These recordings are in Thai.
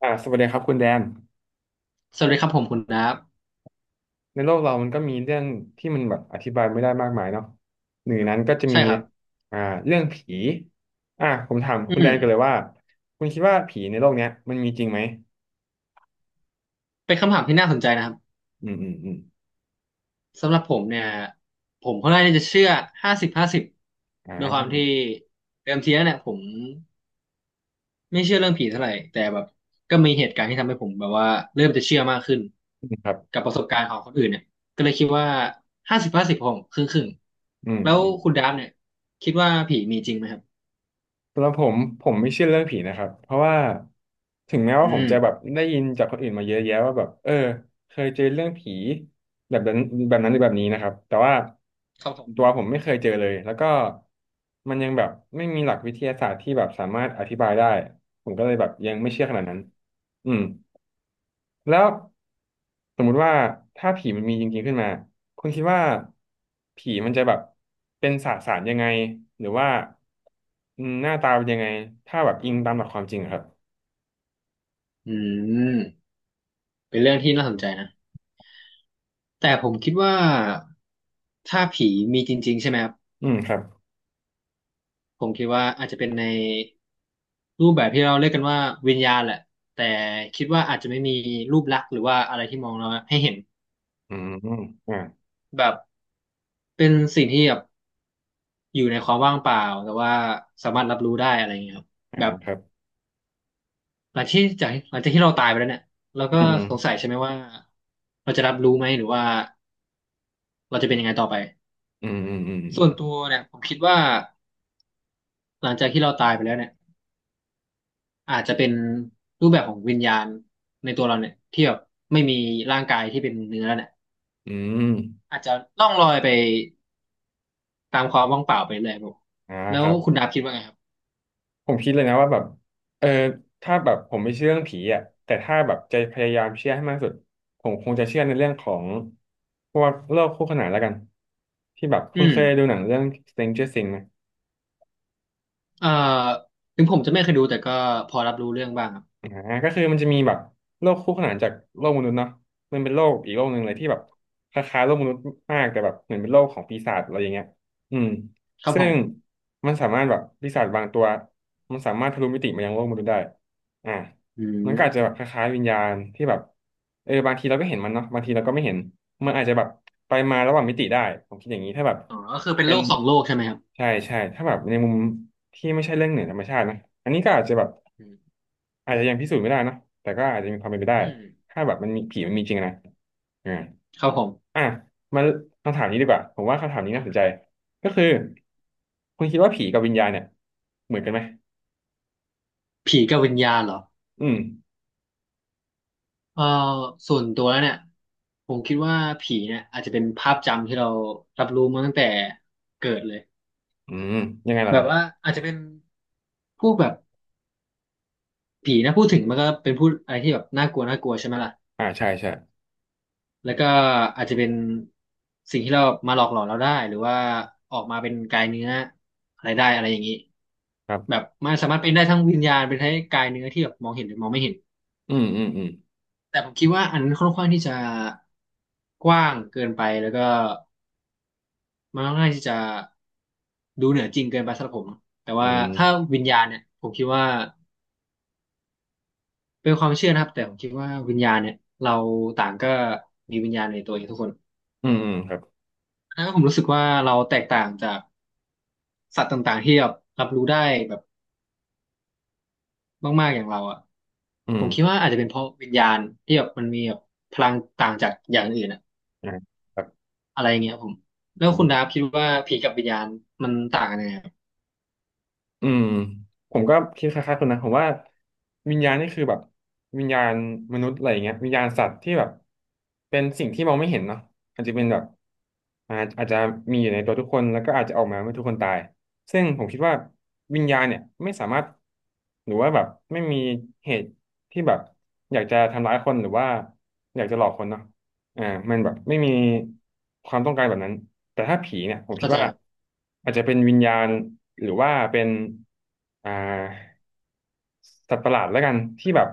สวัสดีครับคุณแดนสวัสดีครับผมคุณดับในโลกเรามันก็มีเรื่องที่มันแบบอธิบายไม่ได้มากมายเนาะหนึ่งในนั้นก็จะใช่มีครับอ่าเรื่องผีผมถามอืคุณแดมนกันเลยว่าคุณคิดว่าผีในโลกเนี้ยมันมีจริงไหมเป็นคำถามที่น่าสนใจนะครับอืมอืมอืมสำหรับผมเนี่ยผมค่อนข้างที่จะเชื่อห้าสิบห้าสิบด้วยความอ่าที่เดิมทีแล้วเนี่ยผมไม่เชื่อเรื่องผีเท่าไหร่แต่แบบก็มีเหตุการณ์ที่ทำให้ผมแบบว่าเริ่มจะเชื่อมากขึ้นครักับบประสบการณ์ของคนอื่นเนี่ยก็เลยคิดว่าห้าสิบห้าสิบผมครึ่งครึ่งอืมแล้วอืม คุณดับเนี่ยคิดว่าผีมีจริงไหมครับสำหรับผมไม่เชื่อเรื่องผีนะครับเพราะว่าถึงแม้ว่าอืผมมจะแบบได้ยินจากคนอื่นมาเยอะแยะว่าแบบเคยเจอเรื่องผีแบบนั้นแบบนั้นหรือแบบนี้นะครับแต่ว่าครับผมตัวผมไม่เคยเจอเลยแล้วก็มันยังแบบไม่มีหลักวิทยาศาสตร์ที่แบบสามารถอธิบายได้ผมก็เลยแบบยังไม่เชื่อขอืนาดมนั้นอืม แล้วสมมุติว่าถ้าผีมันมีจริงๆขึ้นมาคุณคิดว่าผีมันจะแบบเป็นสสารยังไงหรือว่าอืมหน้าตาเป็นยังไงถ้าแบบอิงตามหลักความจริงอะครับอืมเป็นเรื่องที่น่าสนใจนะ แต่ผมคิดว่าถ้าผีมีจริงๆใช่ไหมครับอืมครับผมคิดว่าอาจจะเป็นในรูปแบบที่เราเรียกกันว่าวิญญาณแหละแต่คิดว่าอาจจะไม่มีรูปลักษณ์หรือว่าอะไรที่มองเราให้เห็นอืมอ่าแบบเป็นสิ่งที่แบบอยู่ในความว่างเปล่าแต่ว่าสามารถรับรู้ได้อะไรอย่างเงี้ยครับอ่าแบบครับหลังจากที่เราตายไปแล้วเนี่ยเราก็อืมสงสัยใช่ไหมว่าเราจะรับรู้ไหมหรือว่าเราจะเป็นยังไงต่อไปอืมอืมอืมส่อืวนมตัวเนี่ยผมคิดว่าหลังจากที่เราตายไปแล้วเนี่ย อาจจะเป็นรูปแบบของวิญญาณในตัวเราเนี่ยที่แบบไม่มีร่างกายที่เป็นเนื้อเนี่ยอืมอืมอาจจะล่องลอยไปตามความว่างเปล่าไปเลยครับผมอ่าแล้ควรับ คุณดาบคิดว่าไงครับผมคิดเลยนะว่าแบบเออถ้าแบบผมไม่เชื่อเรื่องผีอ่ะแต่ถ้าแบบจะพยายามเชื่อให้มากที่สุดผมคงจะเชื่อในเรื่องของพวกโลกคู่ขนานแล้วกันที่แบบอืคุณมเคยดูหนังเรื่อง Stranger Things ไหม เอ่อถึงผมจะไม่เคยดูแต่ก็พอรับรู้เรื่องบ้างครับอ่าก็คือมันจะมีแบบโลกคู่ขนานจากโลกมนุษย์เนาะมันเป็นโลกอีกโลกหนึ่งเลยที่แบบคล้ายๆโลกมนุษย์มากแต่แบบเหมือนเป็นโลกของปีศาจอะไรอย่างเงี้ยอืมครับซึ่ผงมมันสามารถแบบปีศาจบางตัวมันสามารถทะลุมิติมายังโลกมนุษย์ได้อ่าอืมันก็อาจจะแบบคมล้ายๆวิญญาณที่แบบบางทีเราก็เห็นมันเนาะบางทีเราก็ไม่เห็นมันอาจจะแบบไปมาระหว่างมิติได้ผมคิดอย่างนี้ถ้าแบบอ๋อก็คือเป็นเป็โลนกสองโลกใช่ไหมครับใช่ใช่ถ้าแบบในมุมที่ไม่ใช่เรื่องเหนือธรรมชาตินะอันนี้ก็อาจจะแบบ อืมอาจจะยังพิสูจน์ไม่ได้นะแต่ก็อาจจะมีความเป็นไปได้ อืมถ้าแบบมันมีผีมันมีจริงนะอ่าครับผมอ่ะมาคำถามนี้ดีกว่าผมว่าคำถามนี้น่าสนใจก็คือ คุณคิดว่าผีกับวิญญาณเนี่ยเหมือนกันไหมผีกับวิญญาณเหรออืมเอ่อส่วนตัวแล้วเนี่ยผมคิดว่าผีเนี่ยอาจจะเป็นภาพจำที่เรารับรู้มาตั้งแต่เกิดเลยอืมยังไงล่ะแบคบรับว่าอาจจะเป็น พวกแบบผีนะพูดถึงมันก็เป็นพูดอะไรที่แบบน่ากลัวน่ากลัวใช่ไหมล่ะใช่ใช่แล้วก็อาจจะเป็นสิ่งที่เรามาหลอกหลอนเราได้หรือว่าออกมาเป็นกายเนื้ออะไรได้อะไรอย่างนี้ครัแบบบมันสามารถเป็นได้ทั้งวิญญาณเป็นทั้งกายเนื้อที่แบบมองเห็นหรือมองไม่เห็นอืมอืมอืมแต่ผมคิดว่าอันนั้นค่อนข้างที่จะกว้างเกินไปแล้วก็มันค่อนข้างที่จะดูเหนือจริงเกินไปสำหรับผมแต่อืว่าถ้ามวิญญาณเนี่ยผมคิดว่า เป็นความเชื่อนะครับแต่ผมคิดว่าวิญญาณเนี่ยเราต่างก็มีวิญญาณในตัวเองทุกคนอืมอืมครับอันนั้นผมรู้สึกว่าเราแตกต่างจากสัตว์ต่างๆที่แบบรับรู้ได้แบบมากๆอย่างเราอ่ะอืผมมคิดว่าอาจจะเป็นเพราะวิญญาณที่แบบมันมีแบบพลังต่างจากอย่างอื่นอะอ่าครับ อะไรอย่างเงี้ยครับผมแล้วคุณดาฟคิดว่าผีกับวิญญาณมันต่างกันยังไงครับอืมผมก็คิดคล้ายๆคุนะผมว่าวิญญาณนี่คือแบบวิญญาณมนุษย์อะไรอย่างเงี้ยวิญญาณสัตว์ที่แบบเป็นสิ่งที่มองไม่เห็นเนาะอาจจะเป็นแบบอาจจะมีอยู่ในตัวทุกคนแล้วก็อาจจะออกมาเมื่อทุกคนตายซึ่งผมคิดว่าวิญญาณเนี่ยไม่สามารถหรือว่าแบบไม่มีเหตุที่แบบอยากจะทำร้ายคนหรือว่าอยากจะหลอกคนเนาะ อ่ามันแบบไม่มีความต้องการแบบนั้นแต่ถ้าผีเนี่ยผมคิเข้าดใจว่าครับอาจจะเป็นวิญญาณหรือว่าเป็นอ่าสัตว์ประหลาดแล้วกันที่แบบ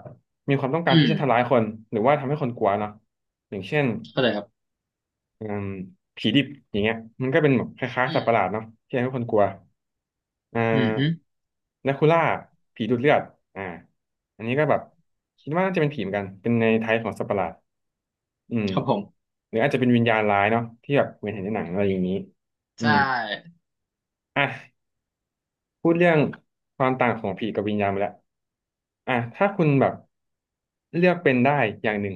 มีความต้องการอืที่มจะทำร้ายคนหรือว่าทำให้คนกลัวเนาะอย่างเช่นเข้าใจครับอืมผีดิบอย่างเงี้ยมันก็เป็นแบบคล้ายอืๆสัตมว์ประหลาดเนาะที่ทำให้คนกลัวอ่อืมฮึาแดคูล่าผีดูดเลือดอ่าอันนี้ก็แบบคิดว่าน่าจะเป็นผีเหมือนกันเป็นในไทยของสัตว์ประหลาด อืมครับผมหรืออาจจะเป็นวิญญาณร้ายเนาะที่แบบเหมือนเห็นในหนังอะไรอย่างนี้อืใช่มอ่ะพูดเรื่องความต่างของผีกับวิญญาณไปแล้วอ่ะถ้าคุณแบบเลือกเป็นได้อย่างหนึ่ง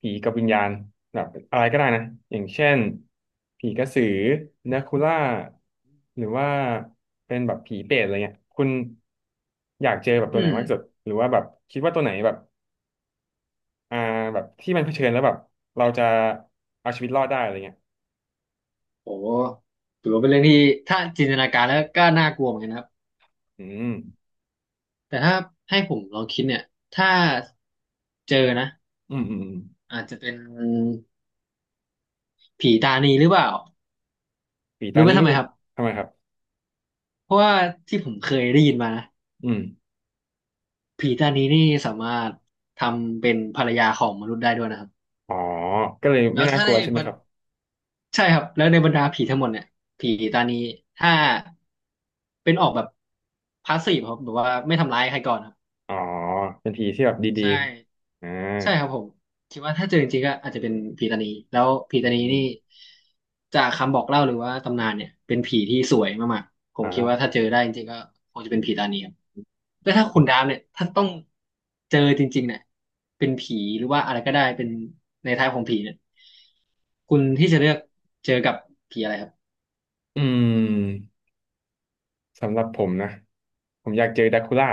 ผีกับวิญญาณแบบอะไรก็ได้นะอย่างเช่นผีกระสือเนคูล่าหรือว่าเป็นแบบผีเปรตอะไรเงี้ยคุณอยากเจอแบบตัอืวไหนมมากที่สุดหรือว่าแบบคิดว่าตัวไหนแบบอ่าแบบที่มันเผชิญแล้วแบบเราจะเอาชีวิตรอดได้อะไรเงี้ยโหถือว่าเป็นเรื่องที่ถ้าจินตนาการแล้วก็น่ากลัวเหมือนกันนะครับ อืม แต่ถ้าให้ผมลองคิดเนี่ยถ้าเจอนะอืมอืมอืมอาจจะเป็นผีตานีหรือเปล่าผีตารู้ไหมนี้ทำไมนี่ครับทำไมครับเพราะว่าที่ผมเคยได้ยินมานะอืมผีตานีนี่สามารถทำเป็นภรรยาของมนุษย์ได้ด้วยนะครับอ๋อก็เลยแล้ไม่วน่าถ้ากในลัวใช่ไหบมรรครับใช่ครับแล้วในบรรดาผีทั้งหมดเนี่ยผีตานีถ้าเป็นออกแบบพาสซีฟครับแบบว่าไม่ทำร้ายใครก่อนครับอ๋อเป็นผีที่แบบดีใช่ ๆอ่าใช่ครับผมคิดว่าถ้าเจอจริงๆก็อาจจะเป็นผีตานีแล้วผีอืตานีนี่มจากคำบอกเล่าหรือว่าตำนานเนี่ยเป็นผีที่สวยมากๆผมคิดว่าอ่าถ้าเจอได้จริงๆก็คงจะเป็นผีตานีครับแล้วถ้าคุณดามเนี่ยถ้าต้องเจอจริงๆเนี่ยเป็นผีหรือว่าอะไรก็ได้เป็นในท้ายของผีเนี่ยคุณที่จะเลือกเจอกับผีอะไรครับอืมสำหรับผมนะผมอยากเจอดราคูล่า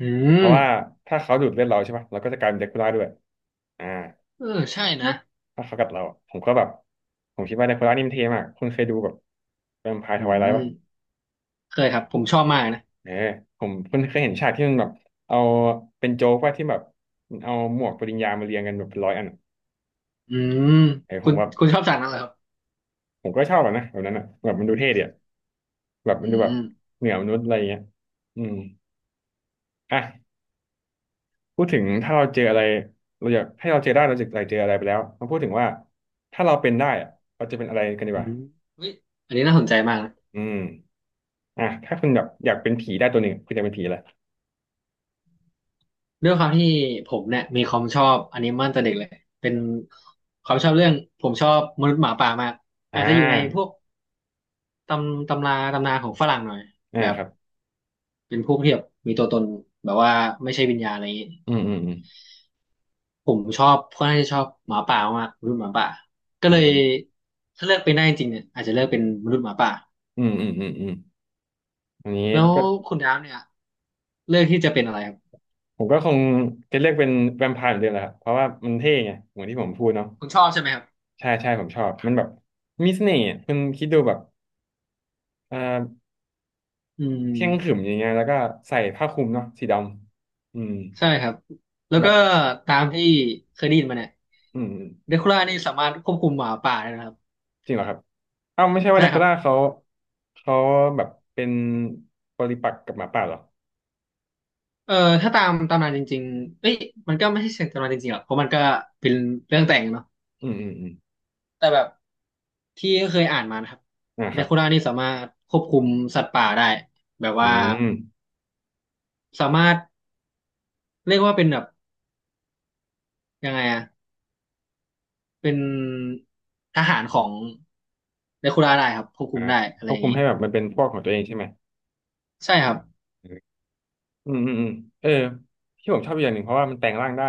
อืเพราะมว่าถ้าเขาดูดเลือดเราใช่ปะเราก็จะกลายเป็นดราคูล่าด้วยอ่าเออใช่นะถ้าเขากัดเราผมก็แบบผมคิดว่าดราคูล่านี่มันเท่มากคุณเคยดูแบบแวมไพร์ทอืไวไลท์ปะมเคยครับผมชอบมากนะเออผมคุณเคยเห็นฉากที่มันแบบเอาเป็นโจ๊กว่าที่แบบเอาหมวกปริญญามาเรียงกันแบบเป็นร้อยอัน อืมเออผคุมณแบบคุณชอบจากนั้นเหรอครับผมก็ชอบอะนะแบบนั้นอะแบบมันดูเท่ดีอะแบบมัอืนดูแบม บเหนือมนุษย์อะไรอย่างเงี้ยอืมอ่ะพูดถึงถ้าเราเจออะไรเราอยากให้เราเจอได้เราจะอยากเจออะไรไปแล้วมาพูดถึงว่าถ้าเราเป็นได้อะเราจะเป็นอะไรกันดีอืกว่ามเฮ้ยอันนี้น่าสนใจมากนะอืมอ่ะถ้าคุณแบบอยากเป็นผีได้ตัวหนึ่งคุณจะเป็นผีอะไรด้วยความที่ผมเนี่ยมีความชอบอนิเมะตั้งแต่เด็กเลยเป็นความชอบเรื่องผมชอบมนุษย์หมาป่ามากอ่อาจจะอยู่ในพาวกตำราตำนานของฝรั่งหน่อยอ่าแบบครับเป็นพวกที่แบบมีตัวตนแบบว่าไม่ใช่วิญญาณอะไรอย่างนี้อืมอืมอืมผมชอบค่อนข้างจะชอบหมาป่ามากมนุษย์หมาป่าก็เลยถ้าเลือกเป็นได้จริงๆเนี่ยอาจจะเลือกเป็นมนุษย์หมาป่าอืมอืมอืมอืมอืมอันนี้แล้วก็คุณดาวเนี่ยเลือกที่จะเป็นอะไรครับผมก็คงจะเลือกเป็นแวมไพร์เหมือนเดิมแหละครับเพราะว่ามันเท่ไงเหมือนที่ผมพูดเนาะ คุณชอบใช่ไหมครับใช่ใช่ผมชอบมันแบบมีเสน่ห์อะคุณคิดดูแบบเอ่ออืเที่ยงขรึมม อย่างเงี้ยแล้วก็ใส่ผ้าคลุมเนาะสีดำอืมใช่ครับแล้วก็แบบตามที่เคยได้ยินมาเนี่ยอืมเดคูล่านี่สามารถควบคุมหมาป่าได้นะครับจริงเหรอครับเอ้าไม่ใช่ว่าใช่นาคคูรัล่าเขาบเขาแบบเป็นปริปักษ์กับหมาป่าเหรอเอ่อถ้าตามตำนานจริงๆเอ้ยมันก็ไม่ใช่เสียงตำนานจริงๆหรอกเพราะมันก็เป็นเรื่องแต่งเนาะอืมอืมอืมแต่แบบที่เคยอ่านมานะครับนะเดครับคูล่านี่สามารถควบคุมสัตว์ป่าได้แบบอืว่ามสามารถเรียกว่าเป็นแบบยังไงอะเป็นทหารของเดคูล่าได้ครับควบคุอ่ามได้อะคไรวอบย่างคุมนี้ให้แบบมันเป็นพวกของตัวเองใช่ไหมใช่ครับอืมอืมอืมเออที่ผมชอบอีกอย่างหนึ่งเพราะว่ามันแปลงร่างได้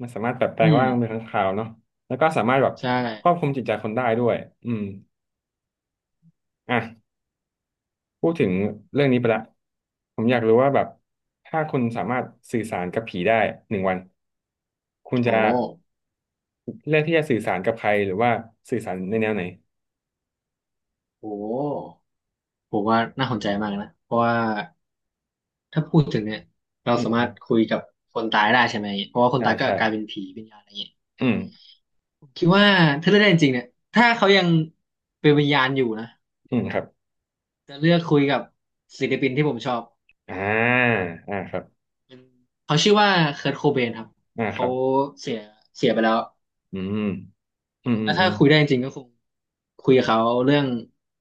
มันสามารถแบบแปลอืงมร่างเป็นค้างคาวเนาะแล้วก็สามารถแบบใช่ควบคุมจิตใจคนได้ด้วยอืม อ่ะพูดถึงเรื่องนี้ไปละผมอยากรู้ว่าแบบถ้าคุณสามารถสื่อสารกับผีได้1 วันคุณโอ้ จะเลือกที่จะสื่อสารกับใครหรือว่าสื่อสารในแนวไหนโอ้ผมว่าน่าสนใจมากนะเพราะว่าถ้าพูดถึงเนี่ยเราอืมสาอืมารมถคุยกับคนตายได้ใช่ไหมเพราะว่าคนใช่ตายก็ใช่กลายเป็นผีวิญญาณอะไรเงี้ยอืมผมคิดว่าถ้าเลือกได้จริงๆเนี่ยถ้าเขายังเป็นวิญญาณอยู่นะอืมครับจะเลือกคุยกับศิลปินที่ผมชอบอ่าอ่าครับเป็นเขาชื่อว่าเคิร์ตโคเบนครับอ่าคเขารับเสียเสียไปแล้วอืมอืมอืแล้มวอืถ้ามคุยได้จริงๆก็คงคุยกับเขาเรื่อง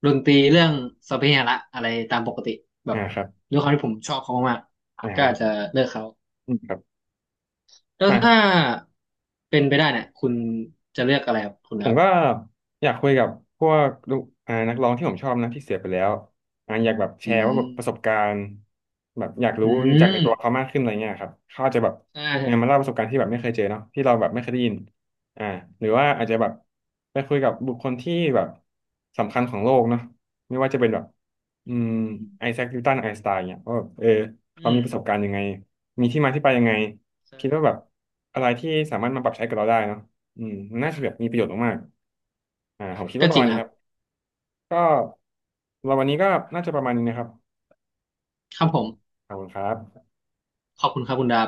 ดนตรีเรื่องสัพเพเหระอะไรตามปกติแบอ่าบครับด้วยความที่ผมชอบเขามากอ่ๆก็อาจาจะเลือกเขา อืมครับแล้วอ่ะ ถ้าเป็นไปได้เนี่ยคุณจะเลือกอะไรครับคุณผคมรับก็อยากคุยกับพวกลูกอ่านักร้องที่ผมชอบนะที่เสียไปแล้วอ่าอยากแบบแชอืร์ว่าแบบประสบมการณ์แบบอยากอืรู้จากมในตัวเขามากขึ้นอะไรเงี้ยครับเขาอาจจะแบบใช่คเออรับมาเล่าประสบการณ์ที่แบบไม่เคยเจอเนาะที่เราแบบไม่เคยได้ยินอ่าหรือว่าอาจจะแบบไปคุยกับบุคคลที่แบบสำคัญของโลกเนาะไม่ว่าจะเป็นแบบอือืมไอมแซคนิวตันไอน์สไตน์เนี่ยว่าแบบเอออืเขามีมประสบการณ์ยังไงมีที่มาที่ไปยังไงใช่คิดว่าแบบอะไรที่สามารถมาปรับใช้กับเราได้เนาะ อืมน่าจะแบบมีประโยชน์มากๆอ่าผมคิดก็ว่าปจระริมางณนะนี้ครัครับบก็เราวันนี้ก็น่าจะประมาณนี้นะครับครับผอ่ามขอบคุณครับขอบคุณครับคุณดาบ